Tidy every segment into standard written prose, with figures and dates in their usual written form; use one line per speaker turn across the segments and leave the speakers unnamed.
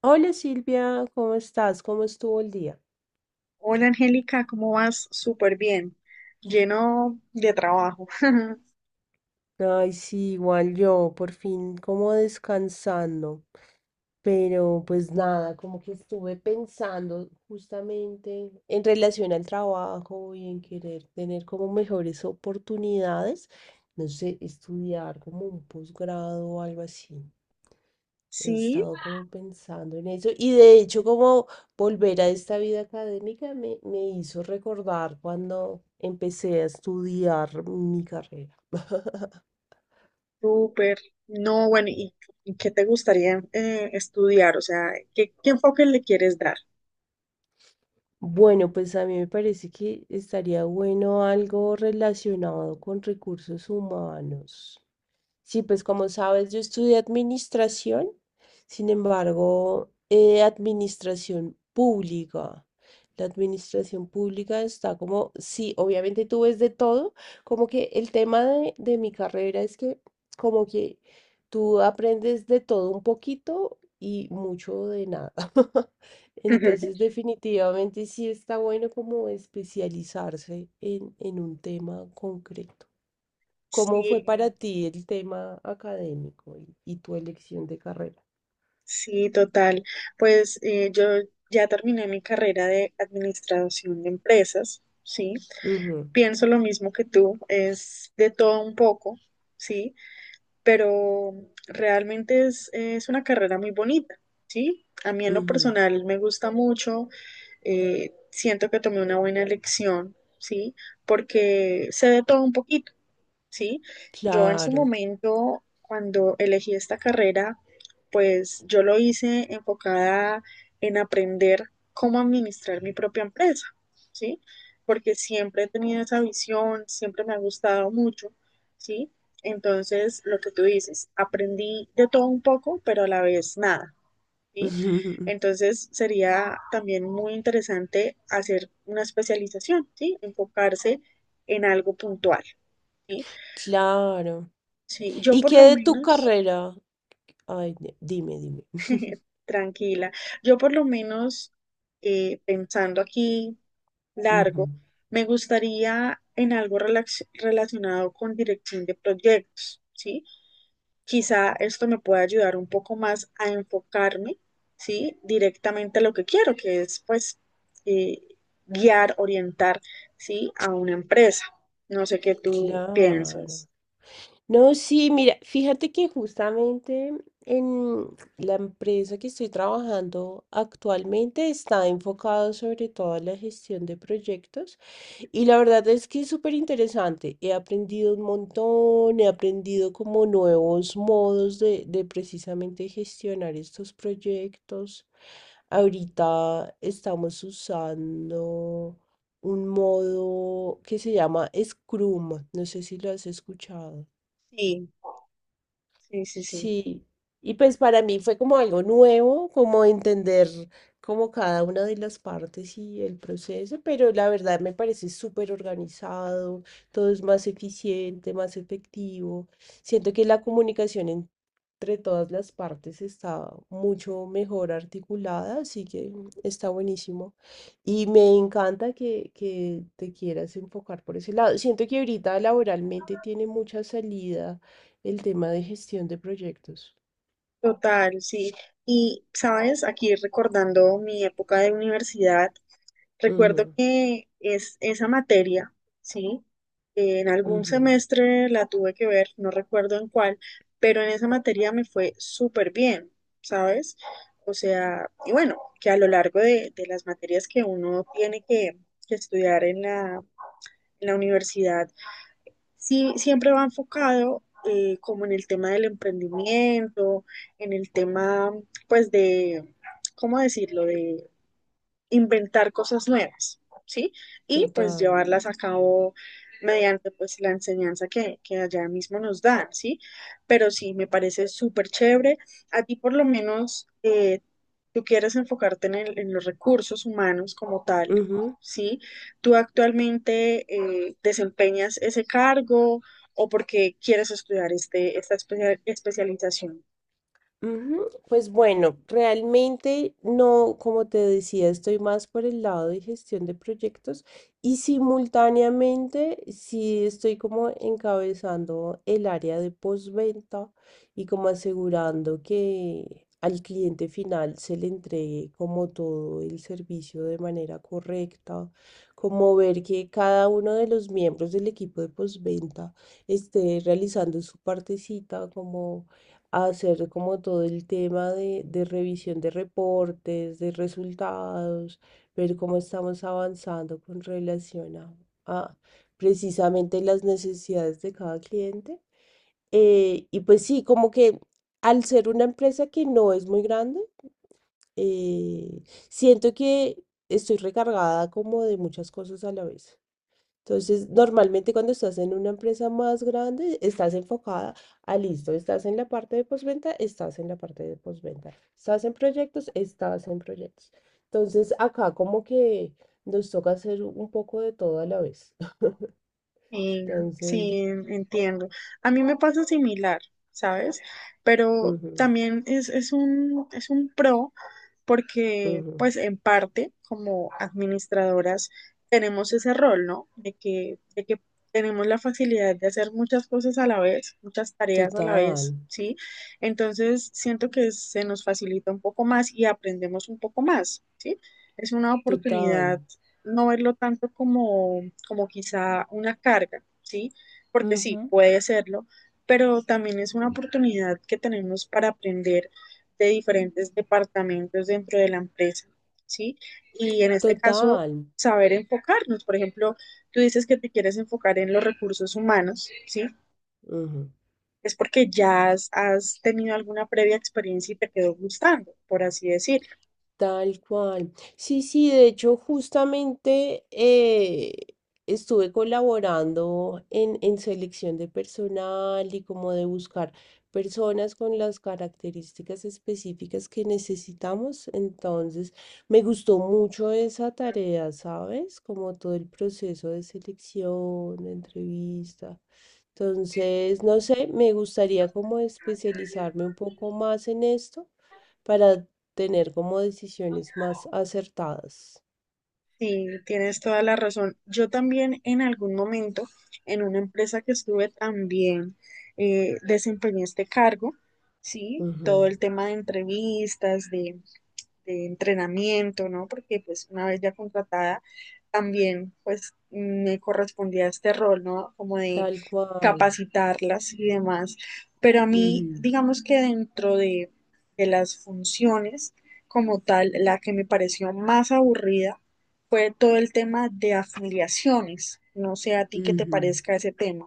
Hola Silvia, ¿cómo estás? ¿Cómo estuvo el día?
Hola Angélica, ¿cómo vas? Súper bien, lleno de trabajo.
Ay, sí, igual yo, por fin como descansando, pero pues nada, como que estuve pensando justamente en relación al trabajo y en querer tener como mejores oportunidades, no sé, estudiar como un posgrado o algo así. He
Sí,
estado como pensando en eso y de hecho como volver a esta vida académica me hizo recordar cuando empecé a estudiar mi carrera.
súper. No, bueno, ¿Y qué te gustaría estudiar? O sea, ¿qué, qué enfoque le quieres dar?
Bueno, pues a mí me parece que estaría bueno algo relacionado con recursos humanos. Sí, pues como sabes, yo estudié administración, sin embargo, administración pública. La administración pública está como, sí, obviamente tú ves de todo, como que el tema de mi carrera es que como que tú aprendes de todo un poquito y mucho de nada. Entonces, definitivamente sí está bueno como especializarse en un tema concreto. ¿Cómo fue para
Sí,
ti el tema académico y tu elección de carrera?
sí, total. Pues yo ya terminé mi carrera de administración de empresas, ¿sí?
Ujú,
Pienso lo mismo que tú, es de todo un poco, ¿sí?, pero realmente es una carrera muy bonita, ¿sí? A mí en lo
ujú.
personal me gusta mucho. Siento que tomé una buena elección, ¿sí? Porque sé de todo un poquito, ¿sí? Yo en su
Claro.
momento, cuando elegí esta carrera, pues yo lo hice enfocada en aprender cómo administrar mi propia empresa, ¿sí? Porque siempre he tenido esa visión, siempre me ha gustado mucho, ¿sí? Entonces, lo que tú dices, aprendí de todo un poco, pero a la vez nada, ¿sí? Entonces, sería también muy interesante hacer una especialización, ¿sí? Enfocarse en algo puntual, ¿sí?
Claro.
Sí, yo
¿Y
por
qué
lo
de tu
menos,
carrera? Ay, dime, dime.
tranquila, yo por lo menos pensando aquí
Ujú.
largo, me gustaría en algo relacionado con dirección de proyectos, ¿sí? Quizá esto me pueda ayudar un poco más a enfocarme, ¿sí? Directamente a lo que quiero, que es pues eh, guiar, orientar, ¿sí? A una empresa. No sé qué tú
Claro.
piensas.
No, sí, mira, fíjate que justamente en la empresa que estoy trabajando actualmente está enfocado sobre todo a la gestión de proyectos y la verdad es que es súper interesante. He aprendido un montón, he aprendido como nuevos modos de precisamente gestionar estos proyectos. Ahorita estamos usando un modo que se llama Scrum, no sé si lo has escuchado.
Sí, sí, sí, sí.
Sí, y pues para mí fue como algo nuevo, como entender como cada una de las partes y el proceso, pero la verdad me parece súper organizado, todo es más eficiente, más efectivo. Siento que la comunicación entre todas las partes está mucho mejor articulada, así que está buenísimo. Y me encanta que te quieras enfocar por ese lado. Siento que ahorita laboralmente tiene mucha salida el tema de gestión de proyectos.
Total, sí. Y, sabes, aquí recordando mi época de universidad, recuerdo
Ujú,
que es esa materia, ¿sí? En algún
ujú.
semestre la tuve que ver, no recuerdo en cuál, pero en esa materia me fue súper bien, ¿sabes? O sea, y bueno, que a lo largo de las materias que uno tiene que estudiar en en la universidad, sí siempre va enfocado como en el tema del emprendimiento, en el tema, pues de, ¿cómo decirlo? Inventar cosas nuevas, ¿sí? Y pues
Total.
llevarlas a cabo mediante pues la enseñanza que allá mismo nos dan, ¿sí? Pero sí, me parece súper chévere. A ti por lo menos tú quieres enfocarte en, en los recursos humanos como tal,
Ujú,
¿sí? ¿Tú actualmente desempeñas ese cargo o porque quieres estudiar este, esta especialización?
ujú. Pues bueno, realmente no, como te decía, estoy más por el lado de gestión de proyectos y simultáneamente sí estoy como encabezando el área de postventa y como asegurando que al cliente final se le entregue como todo el servicio de manera correcta, como ver que cada uno de los miembros del equipo de postventa esté realizando su partecita como a hacer como todo el tema de revisión de reportes, de resultados, ver cómo estamos avanzando con relación a precisamente las necesidades de cada cliente. Y pues sí, como que al ser una empresa que no es muy grande, eh, siento que estoy recargada como de muchas cosas a la vez. Entonces, normalmente cuando estás en una empresa más grande, estás enfocada a listo, estás en la parte de postventa, estás en la parte de postventa, estás en proyectos, estás en proyectos. Entonces, acá como que nos toca hacer un poco de todo a la vez.
Sí,
Entonces,
sí, entiendo. A mí me pasa similar, ¿sabes? Pero
ujú,
también es es un pro, porque
ujú.
pues en parte como administradoras tenemos ese rol, ¿no? De que tenemos la facilidad de hacer muchas cosas a la vez, muchas tareas a la
Total,
vez, ¿sí? Entonces siento que se nos facilita un poco más y aprendemos un poco más, ¿sí? Es una oportunidad
total.
no verlo tanto como, como quizá una carga, ¿sí? Porque sí,
Ujú.
puede serlo, pero también es una oportunidad que tenemos para aprender de diferentes departamentos dentro de la empresa, ¿sí? Y en este caso,
Total.
saber enfocarnos. Por ejemplo, tú dices que te quieres enfocar en los recursos humanos, ¿sí?
Ujú.
Es porque ya has tenido alguna previa experiencia y te quedó gustando, por así decirlo.
Tal cual. Sí, sí, de hecho, justamente estuve colaborando en selección de personal y como de buscar personas con las características específicas que necesitamos. Entonces, me gustó mucho esa tarea, ¿sabes? Como todo el proceso de selección, de entrevista. Entonces, no sé, me gustaría como especializarme un poco más en esto para tener como decisiones más acertadas.
Sí, tienes toda la razón. Yo también en algún momento, en una empresa que estuve también, desempeñé este cargo, ¿sí? Todo
Ujú.
el tema de entrevistas, de entrenamiento, ¿no? Porque pues una vez ya contratada, también pues me correspondía este rol, ¿no? Como de
Tal cual.
capacitarlas y demás. Pero a mí,
Ujú,
digamos que dentro de las funciones como tal, la que me pareció más aburrida fue todo el tema de afiliaciones. No sé a ti qué te
ujú.
parezca ese tema.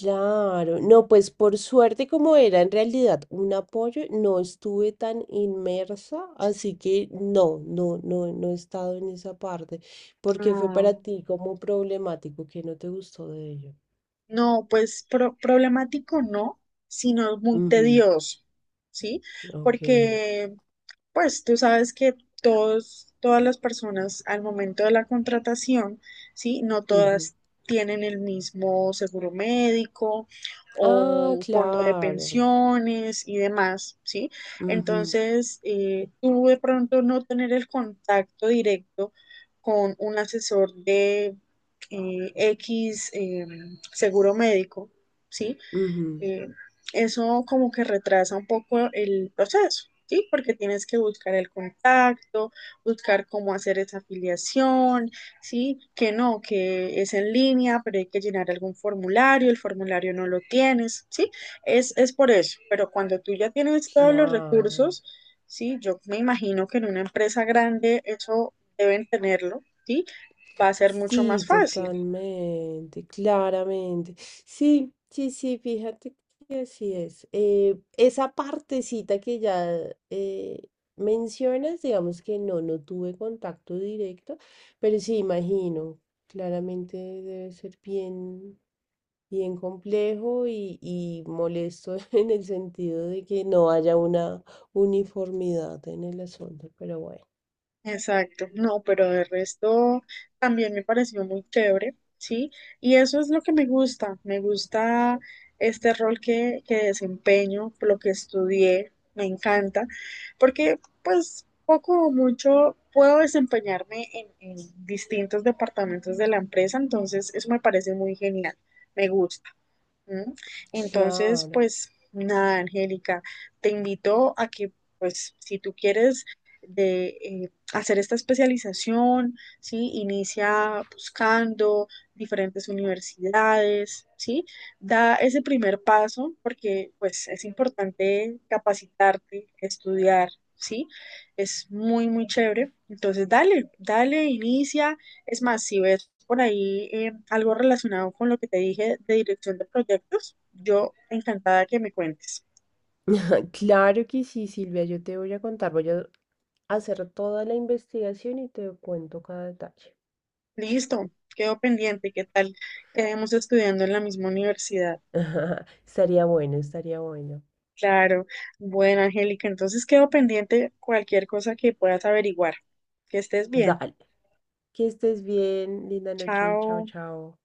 Claro, no, pues por suerte como era en realidad un apoyo, no estuve tan inmersa, así que no, no, no, no he estado en esa parte, porque fue para ti como problemático que no te gustó de ello.
No, pues problemático no, sino muy
Ujú.
tedioso, ¿sí?
Ok.
Porque, pues tú sabes que todas las personas al momento de la contratación, ¿sí? No
Ujú.
todas tienen el mismo seguro médico
Ah,
o fondo de
claro.
pensiones y demás, ¿sí?
Ujú,
Entonces, tú de pronto no tener el contacto directo con un asesor de X. Seguro médico, ¿sí?
ujú.
Eh, eso como que retrasa un poco el proceso, ¿sí? Porque tienes que buscar el contacto, buscar cómo hacer esa afiliación, ¿sí? Que no, que es en línea, pero hay que llenar algún formulario, el formulario no lo tienes, ¿sí? Es por eso, pero cuando tú ya tienes todos los
Claro.
recursos, ¿sí? Yo me imagino que en una empresa grande eso deben tenerlo, ¿sí? Va a ser mucho
Sí,
más fácil.
totalmente, claramente. Sí, sí, sí, fíjate que así es. Esa partecita que ya eh, mencionas, digamos que no, no tuve contacto directo, pero sí, imagino, claramente debe ser bien, bien complejo y molesto en el sentido de que no haya una uniformidad en el asunto, pero bueno,
Exacto, no, pero de resto también me pareció muy chévere, ¿sí? Y eso es lo que me gusta este rol que desempeño, lo que estudié, me encanta, porque pues poco o mucho puedo desempeñarme en distintos departamentos de la empresa, entonces eso me parece muy genial, me gusta. Ujú. Entonces,
claro.
pues nada, Angélica, te invito a que, pues, si tú quieres de, hacer esta especialización, ¿sí? Inicia buscando diferentes universidades, ¿sí? Da ese primer paso porque, pues, es importante capacitarte, estudiar, ¿sí? Es muy, muy chévere. Entonces, dale, dale, inicia. Es más, si ves por ahí algo relacionado con lo que te dije de dirección de proyectos, yo encantada que me cuentes.
Claro que sí, Silvia, yo te voy a contar, voy a hacer toda la investigación y te cuento cada detalle.
Listo, quedo pendiente, ¿qué tal? Quedemos estudiando en la misma universidad.
Estaría bueno, estaría bueno.
Claro, bueno, Angélica, entonces quedo pendiente cualquier cosa que puedas averiguar. Que estés bien.
Dale, que estés bien, linda noche, chao,
Chao.
chao.